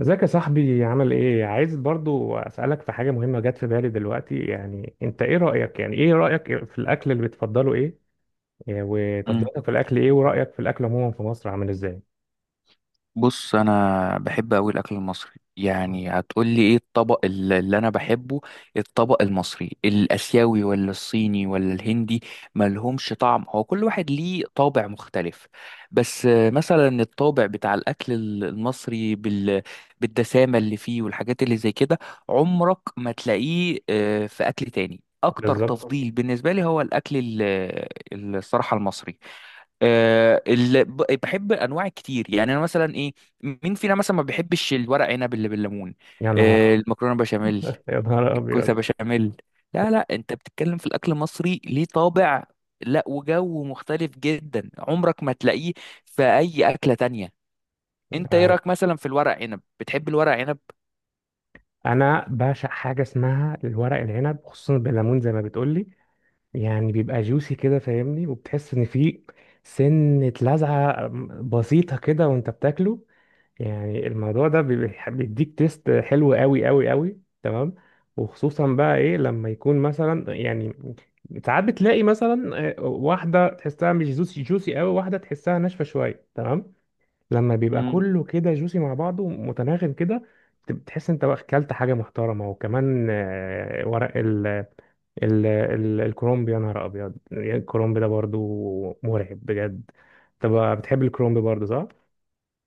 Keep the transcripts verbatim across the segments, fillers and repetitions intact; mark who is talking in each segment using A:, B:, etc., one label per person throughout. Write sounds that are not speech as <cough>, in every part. A: ازيك يا صاحبي، عامل ايه؟ عايز برضو اسالك في حاجه مهمه جت في بالي دلوقتي. يعني انت ايه رايك، يعني ايه رايك في الاكل اللي بتفضله؟ ايه؟ إيه
B: مم.
A: وتفضيلاتك في الاكل؟ ايه ورايك في الاكل عموما في مصر، عامل ازاي؟
B: بص، انا بحب قوي الاكل المصري.
A: مم.
B: يعني هتقولي ايه الطبق ال- اللي انا بحبه؟ الطبق المصري، الاسيوي ولا الصيني ولا الهندي؟ ملهمش طعم، هو كل واحد ليه طابع مختلف. بس آه، مثلا الطابع بتاع الاكل ال- المصري بال... بالدسامة اللي فيه والحاجات اللي زي كده. عمرك ما تلاقيه آه، في اكل تاني. اكتر
A: بالظبط.
B: تفضيل بالنسبة لي هو الاكل ال- الصراحة المصري. آه، ال- ب- بحب انواع كتير، يعني انا مثلا ايه. مين فينا مثلا ما بيحبش الورق عنب اللي بالليمون؟
A: يا
B: آه،
A: نهار.
B: المكرونه بشاميل،
A: يا نهار ابيض.
B: الكوسه بشاميل. لا لا، انت بتتكلم في الاكل المصري ليه طابع. لا، وجو مختلف جدا عمرك ما تلاقيه في اي اكله تانية. انت ايه
A: يعني
B: رايك مثلا في الورق عنب؟ بتحب الورق عنب؟
A: انا بعشق حاجه اسمها الورق العنب، خصوصا بالليمون زي ما بتقولي. يعني بيبقى جوسي كده، فاهمني، وبتحس ان فيه سنه لذعه بسيطه كده وانت بتاكله. يعني الموضوع ده بيبقى- بيديك تيست حلو قوي قوي قوي، تمام. وخصوصا بقى ايه لما يكون مثلا، يعني ساعات بتلاقي مثلا، آه، واحده تحسها مش جوسي جوسي قوي، واحده تحسها ناشفه شويه، تمام. لما بيبقى كله كده جوسي مع بعضه متناغم كده، بت- بتحس انت بقى اكلت حاجه محترمه. وكمان، آه، ورق ال ال ال الكرومب، يا نهار ابيض، الكرومب ده برضو مرعب بجد. طب، بتحب الكرومب برضو، صح؟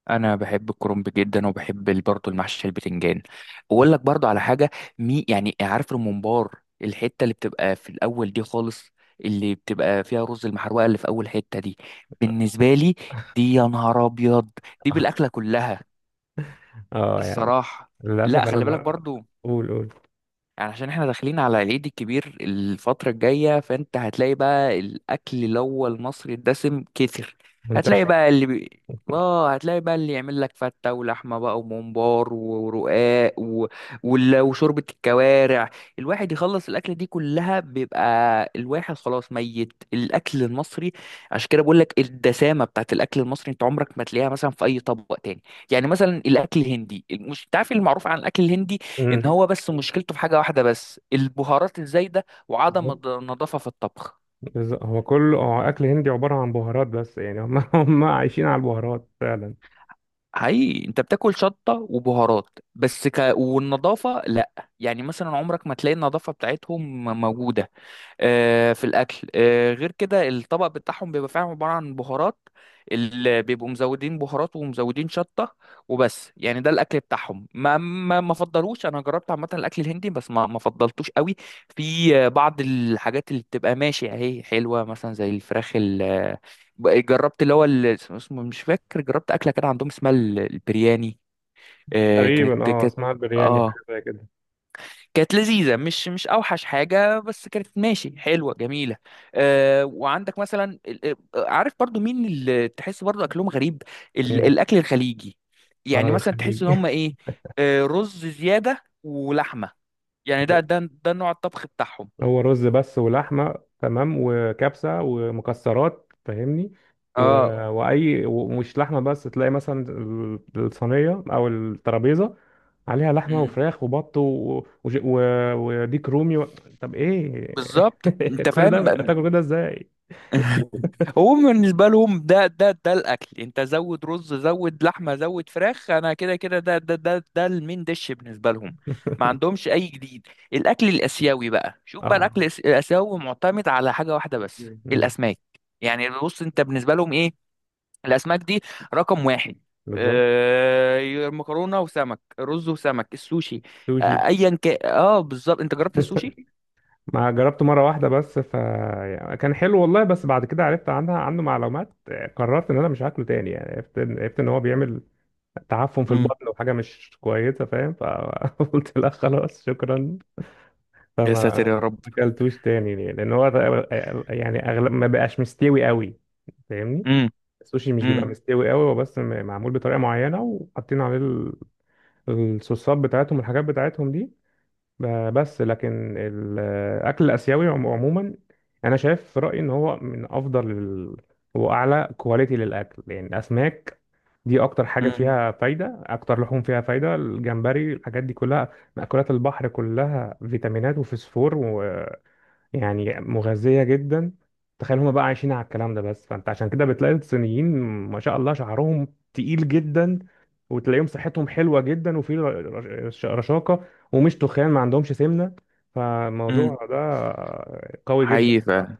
B: انا بحب الكرنب جدا، وبحب ال- برضه المحشي البتنجان. واقول لك برضه على حاجه. مي يعني عارف الممبار؟ الحته اللي بتبقى في الاول دي خالص، اللي بتبقى فيها رز المحروقه، اللي في اول حته دي، بالنسبه لي، دي يا نهار ابيض! دي بالاكله كلها،
A: اه، يعني.
B: الصراحه. لا،
A: للأسف أنا
B: خلي بالك
A: ما.
B: برضه.
A: قول، قول.
B: يعني عشان احنا داخلين على العيد الكبير الفترة الجاية، فانت هتلاقي بقى الأكل اللي هو المصري الدسم كتر. هتلاقي
A: منتشر.
B: بقى اللي بي... اه هتلاقي بقى اللي يعمل لك فتة ولحمة بقى وممبار ورقاق و... وال- وشوربة الكوارع. الواحد يخلص الأكلة دي كلها بيبقى الواحد خلاص ميت الأكل المصري. عشان كده بقول لك الدسامة بتاعت الأكل المصري انت عمرك ما تلاقيها مثلا في أي طبق تاني. يعني مثلا الأكل الهندي، مش انت عارف المعروف عن الأكل الهندي؟ ان
A: امم.
B: هو بس مشكلته في حاجه واحده بس، البهارات الزايده وعدم الض- النظافه في الطبخ.
A: بالظبط. هو كله هو أكل هندي عبارة عن بهارات بس، يعني هم <laughs> هم عايشين على البهارات فعلا.
B: حقيقي، انت بتاكل شطه وبهارات بس ك... والنظافه لا. يعني مثلا عمرك ما تلاقي النظافه بتاعتهم موجوده آه، في الاكل. آه، غير كده الطبق بتاعهم بيبقى فعلا عباره عن بهارات، اللي بيبقوا مزودين بهارات ومزودين شطه وبس. يعني ده الاكل بتاعهم، ما ما ما فضلوش. انا جربت عامه الاكل الهندي بس ما ما فضلتوش قوي. في آه، بعض الحاجات اللي بتبقى ماشي اهي حلوه، مثلا زي الفراخ ال- آه، جربت اللي هو ال- اسمه مش فاكر، جربت اكله كده عندهم اسمها ال- البرياني. آه،
A: تقريبا،
B: كانت
A: اه،
B: كانت
A: اسمها البرياني،
B: اه
A: حاجة زي كده.
B: كانت لذيذة، مش مش أوحش حاجة، بس كانت ماشي حلوة جميلة. أه وعندك مثلا ال- آه، عارف برضو مين اللي تحس برضو أكلهم غريب؟ ال-
A: امم.
B: الأكل الخليجي.
A: اه،
B: يعني مثلا
A: الخليج.
B: تحس إن هم
A: <laughs>
B: إيه. أه رز زيادة ولحمة، يعني ده ده ده نوع الطبخ بتاعهم.
A: هو رز بس ولحمه، تمام، وكبسه ومكسرات، فاهمني. و،
B: اه
A: واي، ومش لحمه بس، تلاقي مثلا ال- الصينيه او الترابيزه عليها لحمه
B: أمم،
A: وفراخ وبط، و وج- و وديك رومي و. طب ايه،
B: بالظبط، أنت
A: <laughs> كل ده
B: فاهم.
A: تاكل كده ازاي؟
B: <laughs> هو بالنسبة لهم ده ده ده الأكل. أنت زود رز، زود لحمة، زود فراخ. أنا كده كده، ده ده ده ده المين ديش بالنسبة لهم. ما
A: <laughs>
B: عندهمش أي جديد. الأكل الآسيوي بقى، شوف بقى
A: اه.
B: الأكل الآس- الآسيوي معتمد على حاجة واحدة بس،
A: مم.
B: الأسماك. يعني بص، أنت بالنسبة لهم إيه؟ الأسماك دي رقم واحد.
A: بالظبط.
B: آه، مكرونة وسمك، رز وسمك، السوشي. آه،
A: سوشي.
B: أيا كان. أه بالظبط، أنت جربت
A: <laughs>
B: السوشي؟
A: ما جربته مره واحده بس، ف يعني كان حلو والله، بس بعد كده عرفت عنها عنه معلومات، قررت ان انا مش هاكله تاني. يعني عرفت ان عرفت ان هو بيعمل تعفن في
B: امم.
A: البطن وحاجه مش كويسه، فاهم، فقلت <laughs> لا خلاص شكرا. فما.
B: يا ساتر يا
A: ما
B: رب.
A: اكلتوش تاني ليه؟ لان هو يعني اغلب ما بقاش مستوي قوي، فاهمني.
B: امم،
A: السوشي مش بيبقى
B: امم،
A: مستوي قوي، هو بس م- معمول بطريقه معينه وحاطين عليه ال- الصوصات بتاعتهم والحاجات بتاعتهم دي. ب- بس لكن الاكل الاسيوي عم- عموما، انا شايف في رايي ان هو من افضل ال- واعلى كواليتي للاكل. يعني الاسماك دي اكتر حاجه مم.
B: امم،
A: فيها فايده، اكتر لحوم فيها فايده، الجمبري، الحاجات دي كلها، مأكولات البحر كلها فيتامينات وفسفور، يعني مغذية جدا. تخيل هما بقى عايشين على الكلام ده بس، فانت عشان كده بتلاقي الصينيين ما شاء الله شعرهم تقيل جدا، وتلاقيهم صحتهم حلوة جدا وفي ر- رش- رشاقة، ومش تخان، ما عندهمش سمنة.
B: امم.
A: فالموضوع ده قوي جدا
B: حقيقي فعلا.
A: بصراحة.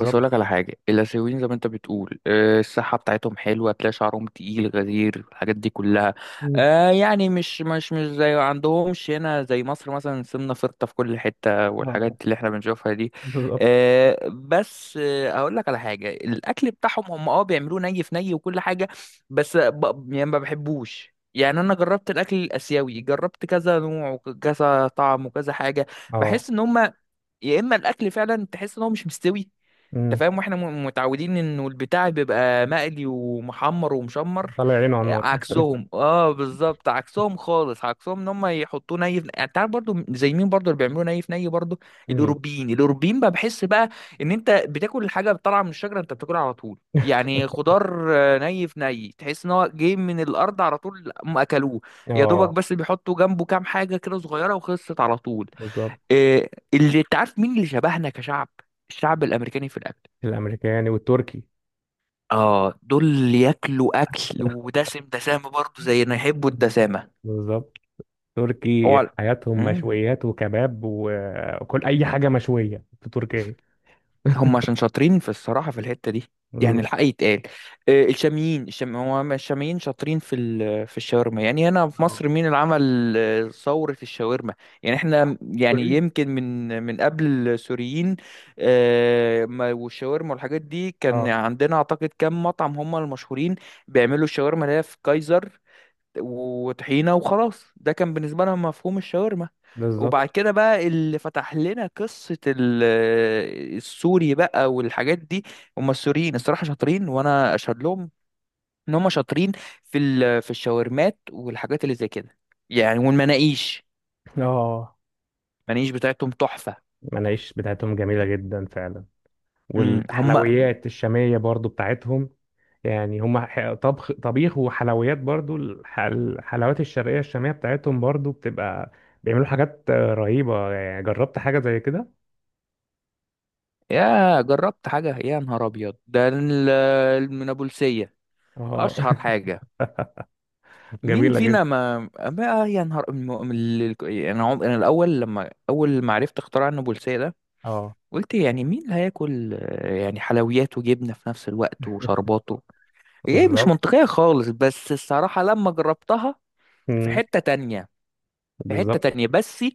B: بس اقول لك على حاجه، الاسيويين زي ما انت بتقول، آه، الصحه بتاعتهم حلوه، تلاقي شعرهم تقيل غزير، الحاجات دي كلها.
A: مم.
B: آه، يعني مش مش مش زي عندهمش هنا زي مصر، مثلا سمنه فرطه في كل حته والحاجات
A: اه،
B: اللي احنا بنشوفها دي.
A: بالظبط.
B: آه، بس آه، اقول لك على حاجه، الاكل بتاعهم هم اه بيعملوه ني في ني وكل حاجه. بس ب... يعني ما بحبوش. يعني انا جربت الاكل الاسيوي، جربت كذا نوع وكذا طعم وكذا حاجه.
A: اه،
B: بحس ان هم، يا اما الاكل فعلا تحس ان هو مش مستوي، انت
A: مم.
B: فاهم. واحنا م- متعودين انه البتاع بيبقى مقلي ومحمر ومشمر.
A: طلع عينه على
B: آه،
A: النار.
B: عكسهم. اه بالظبط، عكسهم خالص، عكسهم ان هم يحطوه ني في، يعني تعرف برضو زي مين برضو اللي بيعملوه ني في ني برضو؟
A: مين؟
B: الاوروبيين. الاوروبيين بقى بحس بقى ان انت بتاكل الحاجه طالعه من الشجره، انت بتاكلها على طول. يعني خضار آه، ني في ني، تحس ان هو جاي من الارض على طول هم اكلوه. يا دوبك
A: اه،
B: بس بيحطوا جنبه كام حاجه كده صغيره وخلصت على طول.
A: بالظبط،
B: آه، اللي انت عارف مين اللي شبهنا كشعب؟ الشعب الامريكاني في الاكل.
A: الامريكاني والتركي.
B: اه دول ياكلوا اكل ودسم، دسامه برضه زينا، يحبوا الدسامه.
A: بالظبط. تركي
B: هو
A: حياتهم
B: امم
A: مشويات وكباب و- وكل اي حاجه مشويه في تركيا.
B: هم عشان شاطرين في الصراحه، في الحته دي. يعني الحق يتقال. آه، الشاميين، الشام. هو الشاميين شاطرين في ال... في الشاورما. يعني هنا في
A: اه،
B: مصر مين اللي عمل آه، ثوره الشاورما؟ يعني احنا، يعني
A: سوريين.
B: يمكن من من قبل السوريين. آه، ما- والشاورما والحاجات دي، كان
A: اه،
B: عندنا اعتقد كام مطعم هم المشهورين بيعملوا الشاورما، اللي هي في كايزر وطحينة وخلاص. ده كان بالنسبة لنا مفهوم الشاورما. وبعد
A: بالظبط.
B: كده بقى اللي فتح لنا قصة ال- السوري بقى والحاجات دي، هم السوريين الصراحة شاطرين، وأنا أشهد لهم إن هم شاطرين في ال- في الشاورمات والحاجات اللي زي كده، يعني والمناقيش.
A: اه،
B: المناقيش بتاعتهم تحفة.
A: المناقيش بتاعتهم جميله جدا فعلا،
B: امم، هم.
A: والحلويات الشاميه برضو بتاعتهم. يعني هم ح- طبخ طبيخ وحلويات، برضو الح- الحلويات الشرقيه الشاميه بتاعتهم برضو بتبقى، بيعملوا حاجات رهيبه، يعني، جربت حاجه زي كده.
B: يا، جربت حاجة يا نهار أبيض، ده ال- من أبو السية،
A: اه.
B: أشهر
A: <laughs>
B: حاجة. مين
A: جميله
B: فينا
A: جدا.
B: ما بقى يا نهار أم... أم- ال- ال- انا عم... انا الاول، لما اول ما عرفت اختراع النابلسية ده،
A: اه،
B: قلت يعني مين اللي هياكل، آه، يعني حلويات وجبنة في نفس الوقت وشرباته؟ ايه، مش
A: بالظبط.
B: منطقية خالص. بس الصراحة لما جربتها،
A: <laughs>
B: في
A: مم.
B: حتة تانية، في حتة
A: بالظبط.
B: تانية. بس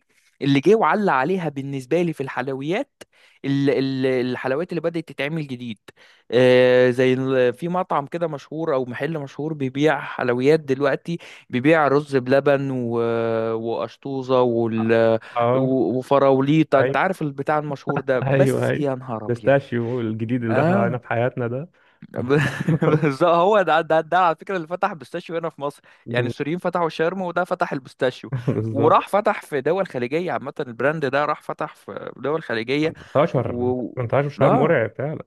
B: اللي جه وعلى عليها بالنسبة لي في الحلويات ال- ال- الحلويات اللي بدأت تتعمل جديد، آه، زي ال- في مطعم كده مشهور أو محل مشهور بيبيع حلويات دلوقتي، بيبيع رز بلبن و- وقشطوزة وال-
A: اه،
B: و- وفراوليطة. أنت
A: أيوة.
B: عارف البتاع المشهور ده؟
A: ايوه،
B: بس
A: ايوه.
B: يا نهار أبيض!
A: بيستاشيو الجديد اللي دخل علينا
B: آه
A: في حياتنا ده.
B: ب- <laughs> بالظبط،
A: <laughs>
B: هو ده ده ده على فكره اللي فتح بيستاشيو هنا في مصر. يعني السوريين فتحوا شرم، وده فتح البيستاشيو
A: بالظبط.
B: وراح فتح في دول خليجيه. عامه البراند ده راح فتح في دول خليجيه.
A: 18
B: و
A: 18 شهر
B: اه
A: مرعب فعلا.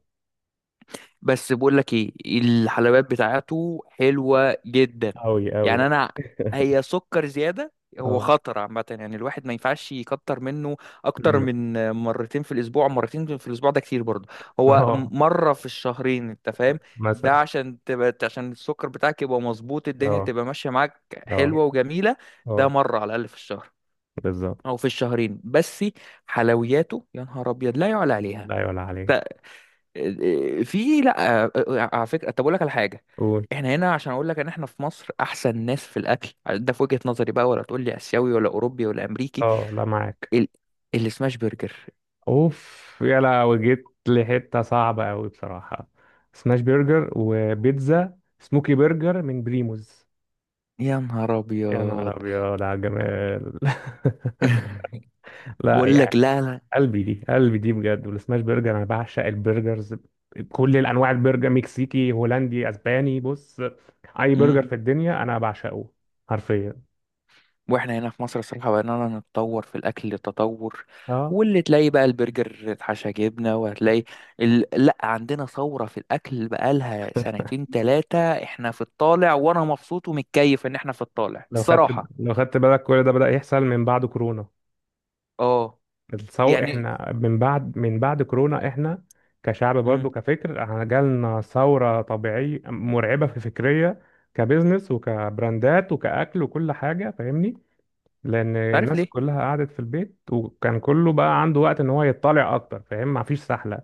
B: بس بقول لك ايه، الحلويات بتاعته حلوة جدا.
A: أوي أوي.
B: يعني انا، هي سكر زيادة، هو
A: اه.
B: خطر عامة، يعني الواحد ما ينفعش يكتر منه اكتر
A: أمم.
B: من مرتين في الاسبوع. مرتين في الاسبوع ده كتير برضه.
A: <laughs>
B: هو
A: اه،
B: مرة في الشهرين، انت فاهم. ده
A: مثلا.
B: عشان تبقى، عشان السكر بتاعك يبقى مظبوط، الدنيا
A: اه،
B: تبقى ماشية معاك
A: اه،
B: حلوة وجميلة. ده
A: اه.
B: مرة على الاقل في الشهر
A: بالظبط.
B: او في الشهرين بس. حلوياته يا نهار ابيض لا يعلى عليها.
A: لا يعلى عليك.
B: آه، آه، في لا، آه، آه، آه، على فكره، طب اقول لك على حاجه.
A: قول.
B: احنا هنا عشان اقول لك ان احنا في مصر احسن ناس في الاكل ده، في وجهه نظري بقى، ولا تقول لي اسيوي ولا اوروبي ولا امريكي.
A: اه، لا، معاك.
B: ال... السماش برجر،
A: اوف يا لهوي، جيت لحتة صعبة أوي بصراحة. سماش برجر وبيتزا سموكي برجر من بريموز.
B: يا نهار
A: يا
B: ابيض!
A: نهار أبيض على الجمال.
B: <laughs>
A: <laughs> لا،
B: بقول لك
A: يعني،
B: لا.
A: قلبي دي، قلبي دي بجد، والسماش برجر، انا بعشق البرجرز بكل الانواع، البرجر مكسيكي، هولندي، اسباني، بص، اي
B: لا،
A: برجر في الدنيا انا بعشقه، حرفيا.
B: واحنا هنا في مصر الصراحة بقينا نتطور في الأكل تطور،
A: اه،
B: واللي تلاقي بقى البرجر اتحشى جبنة وهتلاقي ال... لأ، عندنا ثورة في الأكل بقالها سنتين تلاتة. احنا في الطالع، وأنا مبسوط ومتكيف إن احنا في الطالع
A: لو خدت
B: الصراحة.
A: لو خدت بالك، كل ده بدأ يحصل من بعد كورونا.
B: اه،
A: الثور
B: يعني،
A: احنا من بعد، من بعد كورونا احنا كشعب برضه،
B: امم،
A: كفكر، احنا جالنا ثورة طبيعية مرعبة، في فكرية، كبزنس وكبراندات وكأكل وكل حاجة، فاهمني، لان
B: عارف
A: الناس
B: ليه؟
A: كلها قعدت في البيت وكان كله بقى عنده وقت ان هو يطلع اكتر، فاهم، مفيش سحله.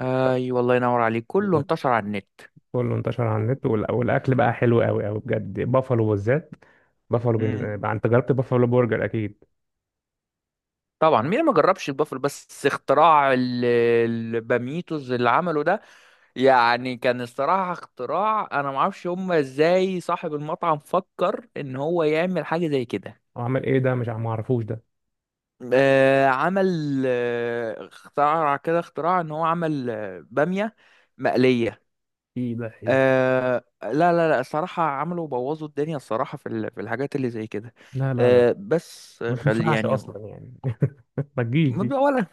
B: أي والله، ينور عليك، كله
A: بالظبط.
B: انتشر على النت.
A: كله انتشر على النت، والأ- والاكل بقى حلو قوي قوي بجد، بافالو بالذات. بافالو
B: مم.
A: بن- بقى، انت جربت بافالو برجر اكيد.
B: طبعا، مين ما جربش البافلو؟ بس اختراع ال- الباميتوز اللي عمله ده، يعني كان الصراحة اختراع، انا ما اعرفش هما ازاي صاحب المطعم فكر ان هو يعمل حاجة زي كده.
A: هو عمل ايه ده؟ مش عم- ما اعرفوش ده.
B: آه عمل آه اختراع كده، اختراع ان هو عمل آه، بامية مقلية.
A: ايه ده، ايه ده؟
B: آه لا لا لا، الصراحة عملوا بوظوا الدنيا الصراحة، في ال- في الحاجات اللي زي كده.
A: لا، لا، لا،
B: آه بس
A: ما
B: خل
A: تنفعش
B: يعني،
A: اصلا يعني. <laughs> ما تجيش دي.
B: ما- ولا،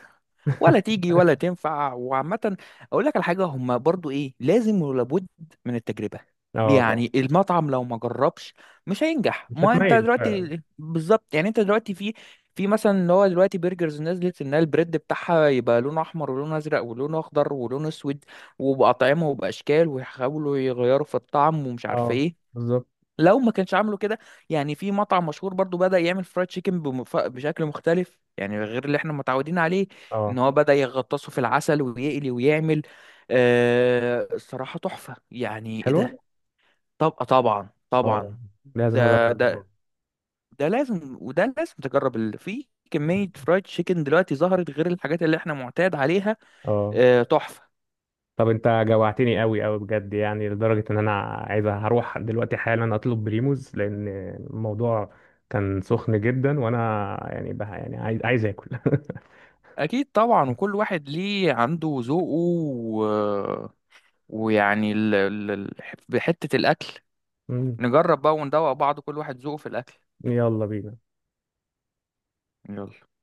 B: ولا
A: <laughs>
B: تيجي ولا تنفع. وعامة، أقول لك على حاجة، هما برضو إيه، لازم ولابد من التجربة.
A: اه، طبعا.
B: يعني المطعم لو ما جربش مش هينجح.
A: مش
B: ما أنت
A: هتميز فعلا.
B: دلوقتي بالظبط، يعني أنت دلوقتي في، في مثلا اللي هو دلوقتي برجرز نزلت إن البريد بتاعها يبقى لونه أحمر ولونه أزرق ولونه أخضر ولونه أسود، وبأطعمة وبأشكال، ويحاولوا يغيروا في الطعم ومش عارف
A: اه،
B: إيه.
A: بالظبط.
B: لو ما كانش عامله كده. يعني في مطعم مشهور برضو بدأ يعمل فرايد تشيكن بمف- بشكل مختلف، يعني غير اللي احنا متعودين عليه،
A: اه،
B: ان هو بدأ يغطسه في العسل ويقلي ويعمل. آه الصراحة تحفة، يعني ايه
A: حلوه.
B: ده. طب طبعا
A: اه،
B: طبعا،
A: لازم اجرب
B: ده
A: الموضوع
B: ده
A: ده.
B: ده لازم، وده لازم تجرب ال- في كمية فرايد تشيكن دلوقتي ظهرت غير الحاجات اللي احنا معتاد عليها.
A: اه،
B: آه تحفة.
A: طب انت جوعتني قوي قوي بجد، يعني لدرجة ان انا عايز هروح دلوقتي حالا اطلب بريموز، لان الموضوع كان سخن جدا، وانا يعني بقى، يعني عايز عايز اكل.
B: اكيد طبعا، وكل واحد ليه عنده ذوقه و... ويعني ال... ال... ال- بحتة الاكل.
A: <laughs> مم.
B: نجرب بقى وندوق بعض، كل واحد ذوقه في الأكل.
A: يلا بينا.
B: يلا.